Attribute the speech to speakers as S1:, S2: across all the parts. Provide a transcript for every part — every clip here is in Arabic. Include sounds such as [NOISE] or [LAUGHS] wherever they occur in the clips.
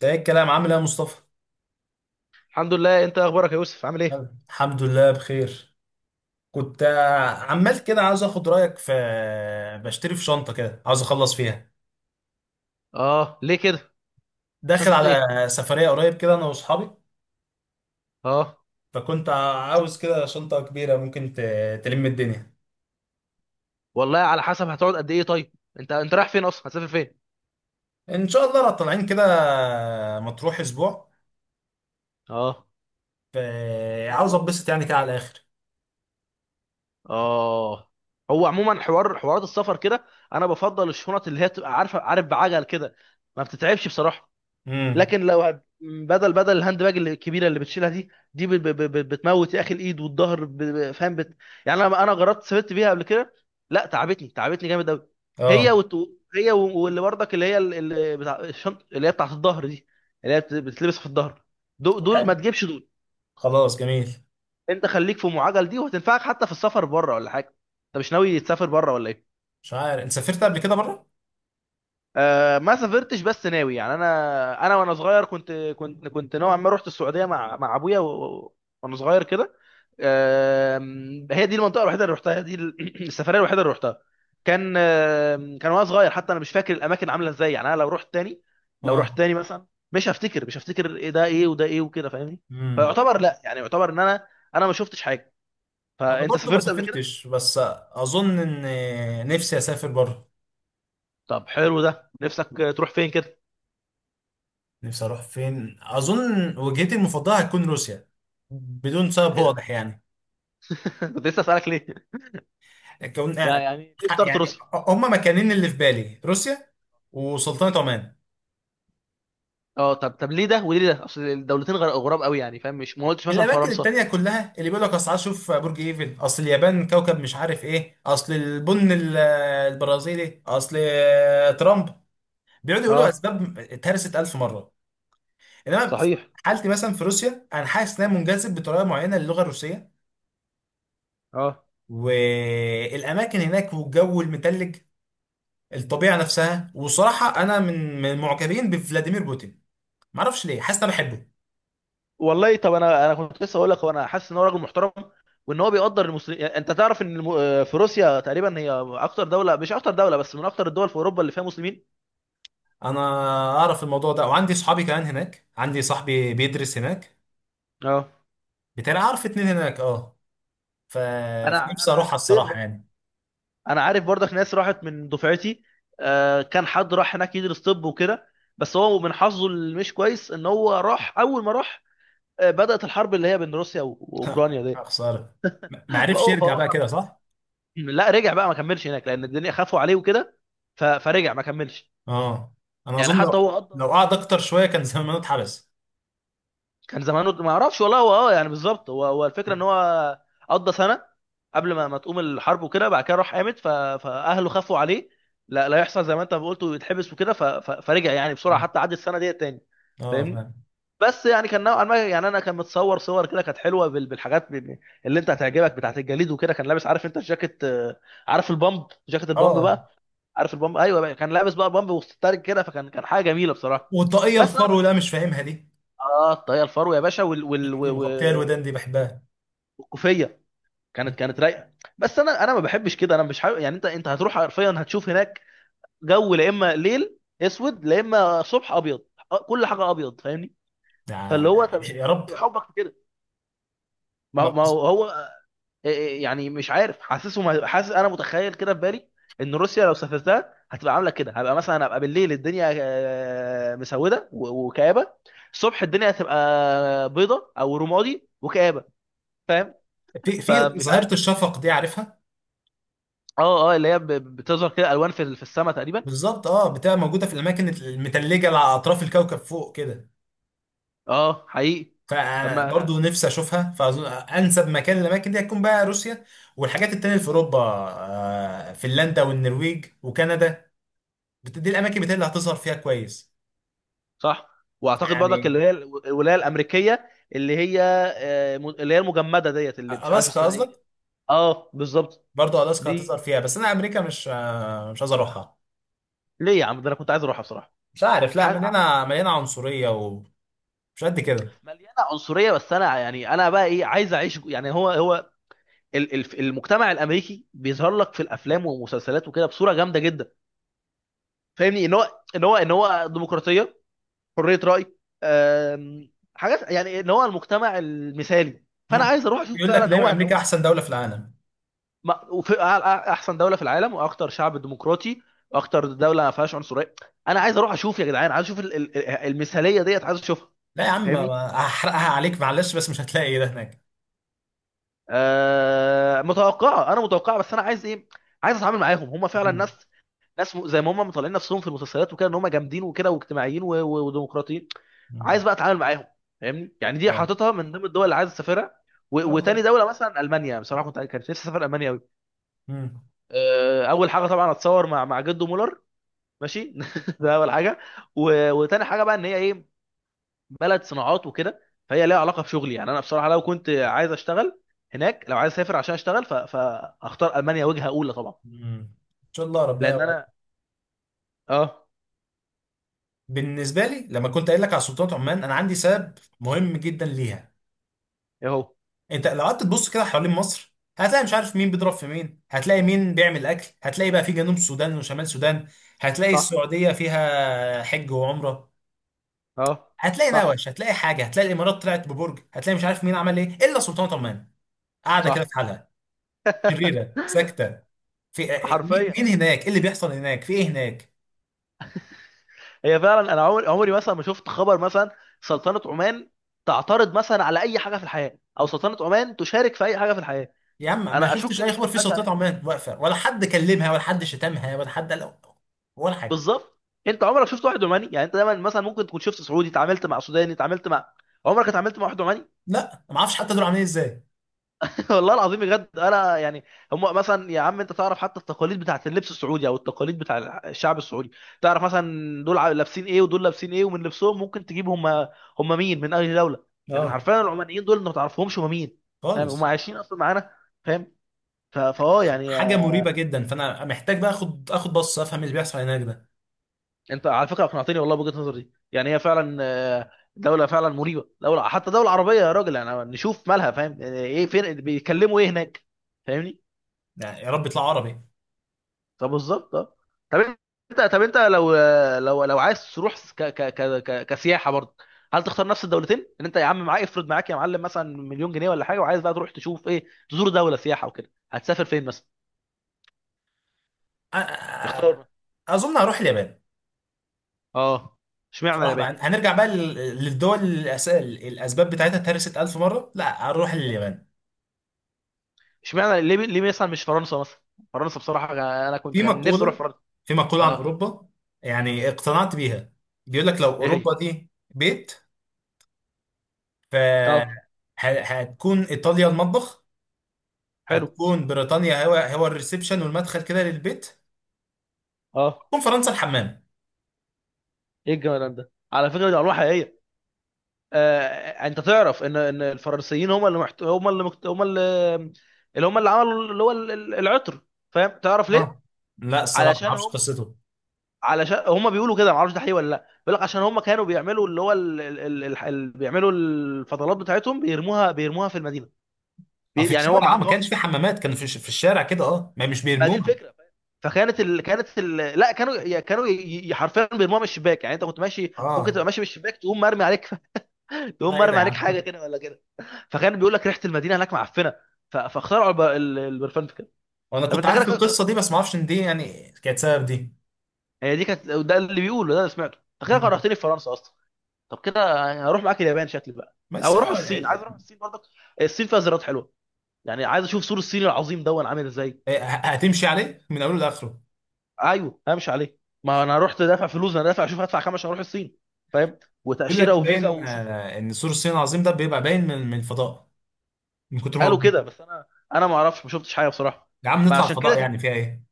S1: ده ايه الكلام؟ عامل ايه يا مصطفى؟
S2: الحمد لله. انت اخبارك يا يوسف؟ عامل ايه؟
S1: الحمد لله، بخير. كنت عمال كده عاوز اخد رايك في، بشتري في شنطه كده، عاوز اخلص فيها.
S2: اه، ليه كده؟
S1: داخل
S2: شنطه ايه؟
S1: على سفريه قريب كده، انا واصحابي.
S2: اه،
S1: فكنت عاوز كده شنطه كبيره ممكن تلم الدنيا.
S2: والله على حسب. هتقعد قد ايه طيب؟ انت رايح فين اصلا؟ هتسافر فين؟
S1: ان شاء الله، لو طالعين كده مطروح اسبوع.
S2: اه،
S1: ف-
S2: حلو
S1: عاوز
S2: ده.
S1: اتبسط يعني كده على الاخر.
S2: اه، هو عموما حوارات السفر كده، انا بفضل الشنط اللي هي تبقى عارف بعجل كده، ما بتتعبش بصراحه.
S1: امم.
S2: لكن لو بدل الهاند باج الكبيره اللي بتشيلها دي بتموت يا اخي الايد والظهر، فاهم يعني انا جربت سافرت بيها قبل كده، لا تعبتني جامد قوي. هي
S1: اه،
S2: وت... واللي برضك اللي هي اللي بتاع الشنط اللي هي بتاعت الظهر دي، اللي هي بتلبس في الظهر، دول,
S1: طب
S2: دول ما
S1: حلو.
S2: تجيبش دول.
S1: خلاص، جميل.
S2: انت خليك في ام عجل دي وهتنفعك حتى في السفر بره ولا حاجه. انت مش ناوي تسافر بره ولا ايه؟
S1: مش عارف، انت سافرت قبل كده بره؟
S2: ما سافرتش بس ناوي. يعني انا وانا صغير كنت نوعا ما رحت السعوديه مع ابويا وانا صغير كده. هي دي المنطقه الوحيده اللي رحتها، هي دي [CLEARS THROAT] السفريه الوحيده اللي رحتها. كان وانا صغير، حتى انا مش فاكر الاماكن عامله ازاي. يعني انا لو رحت تاني، لو رحت
S1: اه،
S2: تاني مثلا، مش هفتكر إيه ده ايه وده ايه وكده. فاهمني؟ فيعتبر، لا، يعني يعتبر ان انا، انا ما شفتش حاجه.
S1: ما انا
S2: فانت
S1: برضه ما
S2: سافرت قبل كده؟
S1: سافرتش، بس اظن ان نفسي اسافر بره.
S2: طب حلو ده، نفسك تروح فين كده؟
S1: نفسي اروح فين؟ اظن وجهتي المفضله هتكون روسيا، بدون سبب
S2: ايه ده؟
S1: واضح يعني.
S2: [LAUGHS] كنت لسه اسالك ليه.
S1: كون
S2: يعني ليه اخترت
S1: يعني
S2: روسيا؟
S1: هما مكانين اللي في بالي: روسيا وسلطنه عمان.
S2: اه، طب ليه ده وليه ده؟ اصل الدولتين غراب قوي يعني، فاهم؟ مش ما قلتش مثلا
S1: الاماكن
S2: فرنسا.
S1: التانية كلها اللي بيقول لك اصل عايز اشوف برج ايفل، اصل اليابان كوكب مش عارف ايه، اصل البن البرازيلي، اصل ترامب، بيقعدوا يقولوا
S2: اه،
S1: اسباب اتهرست الف مره. انما في
S2: صحيح.
S1: حالتي مثلا في روسيا، انا حاسس ان انا منجذب بطريقه معينه للغه الروسيه،
S2: اه
S1: والاماكن هناك والجو المتلج، الطبيعه نفسها. وصراحه انا من المعجبين بفلاديمير بوتين. ما اعرفش ليه، حاسس إن انا بحبه.
S2: والله. طب انا كنت لسه اقول لك وانا حاسس ان هو راجل محترم، وان هو بيقدر المسلمين. يعني انت تعرف ان الم... آه، في روسيا تقريبا هي اكتر دوله، مش اكتر دوله بس، من اكتر الدول في اوروبا اللي فيها مسلمين.
S1: انا اعرف الموضوع ده، وعندي صحابي كمان هناك، عندي صاحبي بيدرس هناك
S2: اه،
S1: بتاعي، اعرف اتنين هناك، اه. ف...
S2: انا
S1: فنفسي اروحها
S2: انا سيم
S1: الصراحه
S2: برضه.
S1: يعني.
S2: انا عارف برضك ناس راحت من دفعتي، كان حد راح هناك يدرس طب وكده، بس هو من حظه اللي مش كويس ان هو راح اول ما راح، بدأت الحرب اللي هي بين روسيا واوكرانيا
S1: [LAUGHS]
S2: دي.
S1: يا خساره. ما عرفش
S2: فهو
S1: يرجع
S2: فهو
S1: بقى كده،
S2: حرفيا،
S1: صح؟
S2: لا، رجع بقى ما كملش هناك لان الدنيا خافوا عليه وكده، فرجع ما كملش.
S1: اه، انا
S2: يعني
S1: اظن لو
S2: حتى هو قضى،
S1: لو قعد اكتر شويه كان زمانه اتحبس.
S2: كان زمانه ما اعرفش والله. هو يعني بالظبط هو الفكره ان هو قضى سنه قبل ما تقوم الحرب وكده، بعد كده راح قامت، فاهله خافوا عليه لا لا يحصل زي ما انت ما قلت ويتحبس وكده، فرجع يعني بسرعه حتى عدى السنه ديت تاني.
S1: اه،
S2: فاهمني؟
S1: فاهم.
S2: بس يعني كان نوعا ما، يعني انا كان متصور كده كانت حلوه بالحاجات اللي انت هتعجبك بتاعت الجليد وكده. كان لابس عارف انت الجاكيت، عارف البامب جاكيت، البامب
S1: اه،
S2: بقى. عارف البامب؟ ايوه بقى. كان لابس بقى بامب وستارك كده، فكان حاجه جميله بصراحه.
S1: والطاقية
S2: بس انا
S1: الفرو لا مش فاهمها دي،
S2: اه، الطاقيه الفرو يا باشا
S1: المغطية الودان دي بحبها.
S2: والكوفيه، كانت رايقه. بس انا ما بحبش كده، انا مش حابب. يعني انت هتروح حرفيا هتشوف هناك جو، لا اما ليل اسود لا اما صبح ابيض، كل حاجه ابيض. فاهمني؟ فاللي
S1: ده
S2: هو طب
S1: يا رب.
S2: إيه حبك في كده؟ ما هو،
S1: ما-
S2: ما هو، إيه، إيه، يعني مش عارف. حاسسه ما- حاسس انا متخيل كده في بالي ان روسيا لو سافرتها هتبقى عامله كده، هبقى مثلا ابقى بالليل الدنيا مسوده وكآبه، الصبح الدنيا هتبقى بيضه او رمادي وكآبه، فاهم؟
S1: في
S2: فمش عارف.
S1: ظاهرة الشفق دي، عارفها؟
S2: اه، اه، اللي هي بتظهر كده الوان في السماء تقريبا.
S1: بالظبط، اه، بتبقى موجودة في الأماكن المتلجة على أطراف الكوكب فوق كده.
S2: اه، حقيقي. طب
S1: فأنا
S2: ما،
S1: برضو نفسي أشوفها، فأظن أنسب مكان للأماكن دي هتكون بقى روسيا. والحاجات التانية اللي في أوروبا، فنلندا والنرويج وكندا. دي الأماكن بتاعتي اللي هتظهر فيها كويس.
S2: صح. واعتقد برضك اللي
S1: يعني
S2: هي الولايه الامريكيه، اللي هي اللي هي المجمده ديت اللي مش عارف
S1: ألاسكا
S2: اسمها ايه كده.
S1: قصدك؟
S2: اه بالظبط.
S1: برضه الاسكا هتظهر
S2: دي
S1: فيها، بس انا امريكا مش عايز اروحها.
S2: ليه يا عم؟ ده انا كنت عايز اروحها بصراحه.
S1: مش عارف، لا،
S2: ح-
S1: مليانه مليانه عنصريه ومش قد كده.
S2: مليانه عنصريه، بس انا يعني انا بقى ايه، عايز اعيش يعني هو المجتمع الامريكي بيظهر لك في الافلام والمسلسلات وكده بصوره جامده جدا، فاهمني؟ ان هو ديمقراطيه، حريه راي، حاجات، يعني ان هو المجتمع المثالي. فانا
S1: مم.
S2: عايز اروح اشوف
S1: يقول لك
S2: فعلا هو
S1: دايما امريكا
S2: هو
S1: احسن دوله في العالم.
S2: وفي احسن دوله في العالم واكتر شعب ديمقراطي واكتر دوله ما فيهاش عنصريه. انا عايز اروح اشوف يا جدعان، عايز اشوف المثاليه ديت، عايز اشوفها.
S1: لا يا عم،
S2: فاهمني؟
S1: هحرقها عليك معلش، بس مش هتلاقي إيه ده هناك.
S2: آه، متوقعه. انا متوقعه. بس انا عايز ايه؟ عايز اتعامل معاهم هم فعلا
S1: مم.
S2: ناس، ناس زي ما هم مطلعين نفسهم في المسلسلات وكده ان هم جامدين وكده واجتماعيين وديمقراطيين.
S1: مم.
S2: عايز بقى اتعامل معاهم، فاهمني؟ يعني دي
S1: اه.
S2: حاططها من ضمن الدول اللي عايز اسافرها.
S1: ان شاء الله.
S2: وتاني دوله مثلا المانيا، بصراحه كانت نفسي اسافر المانيا قوي.
S1: مم.
S2: اول حاجه طبعا اتصور مع جدو مولر، ماشي [LAUGHS] ده اول حاجه. وتاني حاجه بقى ان هي ايه، بلد صناعات وكده، فهي ليها علاقه بشغلي. يعني انا بصراحه لو كنت عايز اشتغل هناك، لو عايز اسافر عشان اشتغل فاختار المانيا وجهه اولى طبعا،
S1: مم. ان شاء الله ربنا
S2: لان انا،
S1: يوفقك.
S2: اه،
S1: بالنسبه لي، لما كنت قايل لك على سلطنه عمان، انا عندي سبب مهم جدا ليها.
S2: اهو.
S1: انت لو قعدت تبص كده حوالين مصر، هتلاقي مش عارف مين بيضرب في مين، هتلاقي مين بيعمل اكل، هتلاقي بقى في جنوب سودان وشمال سودان، هتلاقي
S2: صح،
S1: السعوديه فيها حج وعمره،
S2: اه،
S1: هتلاقي
S2: صح،
S1: نوش، هتلاقي حاجه، هتلاقي الامارات طلعت ببرج، هتلاقي مش عارف مين عمل ايه، الا سلطنه عمان، قاعده كده
S2: صح،
S1: في حالها، شريره، ساكته. في مين
S2: حرفيا.
S1: مين هناك؟ ايه اللي بيحصل هناك؟ في ايه هناك؟
S2: هي فعلا انا عمري مثلا ما شفت خبر مثلا سلطنه عمان تعترض مثلا على اي حاجه في الحياه، او سلطنه عمان تشارك في اي حاجه في الحياه.
S1: يا عم ما
S2: انا اشك
S1: شفتش
S2: ان
S1: اي
S2: في
S1: خبر
S2: ناس
S1: في
S2: عايشه
S1: سلطنه
S2: هناك.
S1: عمان، واقفه، ولا حد كلمها ولا حد شتمها ولا حد قال ولا حاجه.
S2: بالظبط، انت عمرك شفت واحد عماني؟ يعني انت دايما مثلا ممكن تكون شفت سعودي، اتعاملت مع سوداني، اتعاملت مع، عمرك اتعاملت مع واحد عماني؟
S1: لا، ما اعرفش حتى دول عاملين ازاي.
S2: [LAUGHS] والله العظيم بجد انا يعني، هم مثلا يا عم انت تعرف حتى التقاليد بتاعت اللبس السعودي او التقاليد بتاع الشعب السعودي. تعرف مثلا دول لابسين ايه ودول لابسين ايه، ومن لبسهم ممكن تجيب هم، هم مين من اي دوله. لكن
S1: اه.
S2: حرفيا العمانيين دول انت ما تعرفهمش هم مين. فاهم؟ هم
S1: خالص.
S2: عايشين اصلا معانا. فاهم. ف- فاه يعني
S1: حاجه مريبه جدا، فانا محتاج بقى اخد بص افهم اللي بيحصل هناك ده.
S2: انت على فكره اقنعتني والله بوجهه النظر دي. يعني هي فعلا دوله فعلا مريبه، دوله حتى دوله عربيه يا راجل، يعني نشوف مالها. فاهم؟ يعني ايه، فين، بيتكلموا ايه هناك، فاهمني؟
S1: يعني يا رب يطلع عربي.
S2: طب بالظبط، اه، طب. طب انت لو، لو عايز تروح كسياحه برضه، هل تختار نفس الدولتين؟ ان انت يا عم معاك، افرض معاك يا معلم مثلا مليون جنيه ولا حاجه، وعايز بقى تروح تشوف ايه، تزور دوله سياحه وكده، هتسافر فين مثلا؟
S1: أ- أ- أ-
S2: اختار.
S1: اظن هروح اليابان.
S2: اه، اشمعنى
S1: صراحه
S2: اليابان؟
S1: بقى هنرجع بقى للدول، الاسباب بتاعتها اتهرست 1000 مره، لا هروح اليابان.
S2: اشمعنى، ليه مثلا مش فرنسا مثلا؟ فرنسا بصراحه انا كنت
S1: في
S2: كان نفسي اروح
S1: مقوله
S2: فرنسا.
S1: في مقوله عن
S2: اه،
S1: اوروبا يعني اقتنعت بيها. بيقول لك لو
S2: ايه هي؟
S1: اوروبا دي بيت، ف
S2: اه،
S1: هتكون ايطاليا المطبخ،
S2: حلو.
S1: هتكون بريطانيا هو الريسبشن والمدخل كده للبيت،
S2: اه،
S1: هتكون فرنسا الحمام.
S2: ايه الجمال ده، على فكره دي ارواح حقيقيه. انت تعرف ان الفرنسيين هم اللي، اللي هم اللي عملوا اللي هو العطر. فاهم؟ تعرف ليه؟
S1: اه. لا، الصراحه ما
S2: علشان
S1: اعرفش
S2: هم،
S1: قصته.
S2: علشان هم بيقولوا كده، ما اعرفش ده حقيقي ولا لا. بيقول لك عشان هم كانوا بيعملوا اللي هو بيعملوا الفضلات بتاعتهم، بيرموها في المدينه.
S1: اه، في
S2: يعني هو ما
S1: الشارع، اه، ما كانش
S2: عندهمش،
S1: في حمامات، كانوا في الشارع كده، اه، ما مش
S2: ما دي
S1: بيرموها.
S2: الفكره. فاهم؟ فكانت ال... كانت ال... لا، حرفيا بيرموها من الشباك، يعني انت كنت ماشي ممكن
S1: اه.
S2: تبقى ماشي، من الشباك تقوم مرمي عليك، [LAUGHS] تقوم
S1: لا، ايه ده
S2: مرمي
S1: يا
S2: عليك
S1: عم!
S2: حاجه
S1: [LAUGHS]
S2: كده ولا كده. فكان بيقول لك ريحه المدينه هناك معفنه، فاخترعوا البرفان في كده.
S1: وانا
S2: طب
S1: كنت
S2: انت كده
S1: عارف القصه دي، بس ما اعرفش ان دي يعني كانت سبب دي.
S2: هي دي كانت، ده اللي بيقوله، ده اللي سمعته. انت كده
S1: مم.
S2: كرهتني في فرنسا اصلا. طب كده يعني هروح معاك اليابان شكلي بقى،
S1: بس
S2: او اروح
S1: اه ال-
S2: الصين. عايز اروح
S1: ال-
S2: الصين برضك، الصين فيها زيارات حلوه. يعني عايز اشوف سور الصين العظيم دون عامل ازاي.
S1: اه، هتمشي عليه من اوله لاخره.
S2: ايوه همشي عليه، ما انا رحت دافع فلوس، انا دافع اشوف هدفع كام عشان اروح الصين، فاهم؟
S1: يقول لك
S2: وتاشيره وفيزا
S1: باين،
S2: وشوف.
S1: ان سور الصين العظيم ده بيبقى باين من الفضاء، من كتر ما هو
S2: قالوا
S1: كبير.
S2: كده بس انا، انا ما اعرفش، ما شفتش حاجه بصراحه.
S1: يا عم نطلع
S2: فعشان كده
S1: الفضاء،
S2: كان
S1: يعني فيها ايه؟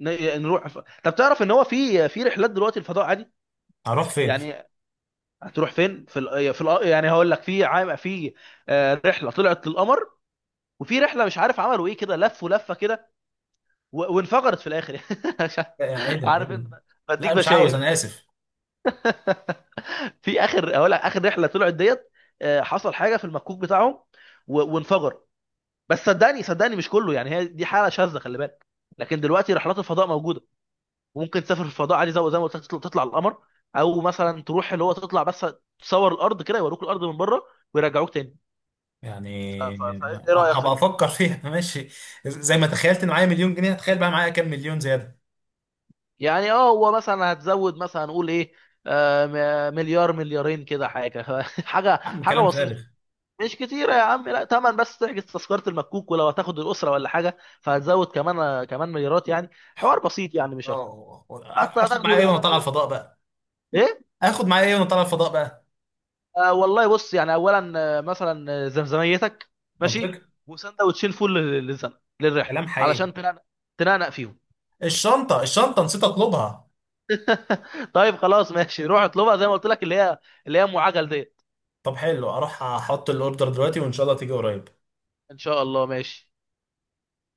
S2: نروح طب تعرف ان هو في رحلات دلوقتي الفضاء عادي.
S1: هروح فين؟
S2: يعني هتروح فين؟ في ال... آه، في ال... آه، يعني هقول لك في عام في رحله طلعت للقمر، وفي رحله مش عارف عملوا ايه كده، لفوا لفه كده وانفجرت في الاخر. [LAUGHS] مش
S1: لا، يعني ايه ده؟ ايه
S2: عارف
S1: ده؟
S2: انت، بديك
S1: لا مش عاوز،
S2: بشاير.
S1: انا اسف.
S2: [LAUGHS] في اخر هقول لك اخر رحله طلعت ديت حصل حاجه في المكوك بتاعهم وانفجر. بس صدقني مش كله، يعني هي دي حاله شاذه، خلي بالك. لكن دلوقتي رحلات الفضاء موجوده، وممكن تسافر في الفضاء عادي زي ما قلت لك، تطلع القمر، او مثلا تروح اللي هو تطلع بس، تصور الارض كده، يوروك الارض من بره ويرجعوك تاني.
S1: يعني
S2: فايه رايك في
S1: هبقى
S2: دي؟
S1: افكر فيها. [LAUGHS] ماشي. زي ما تخيلت ان معايا مليون جنيه، هتخيل بقى معايا كام مليون زياده.
S2: يعني هو مثلا هتزود مثلا نقول ايه، آه، مليار مليارين كده حاجه، [LAUGHS] حاجه
S1: يا عم،
S2: حاجه
S1: كلام فارغ.
S2: بسيطه. مش كتيره يا عم، لا، تمن بس تحجز تذكره المكوك، ولو هتاخد الاسره ولا حاجه فهتزود كمان، كمان مليارات يعني، حوار بسيط يعني مش اكتر.
S1: اه.
S2: حتى
S1: هاخد معايا ايه
S2: هتاخده
S1: وانا طالع
S2: هتاخده
S1: الفضاء بقى؟
S2: ايه؟
S1: هاخد معايا ايه وانا طالع الفضاء بقى؟
S2: آه، والله بص يعني اولا مثلا زمزميتك، ماشي،
S1: منطق.
S2: وسندوتشين فول للزمن، للرحله
S1: كلام حقيقي.
S2: علشان تنقنق، تنقنق فيهم.
S1: الشنطه، الشنطه، نسيت اطلبها.
S2: [LAUGHS] طيب خلاص ماشي، روح اطلبها زي ما قلت لك، اللي هي، اللي هي ام عجل ديت.
S1: طب حلو، اروح احط الاوردر دلوقتي، وان شاء الله تيجي قريب.
S2: ان شاء الله، ماشي.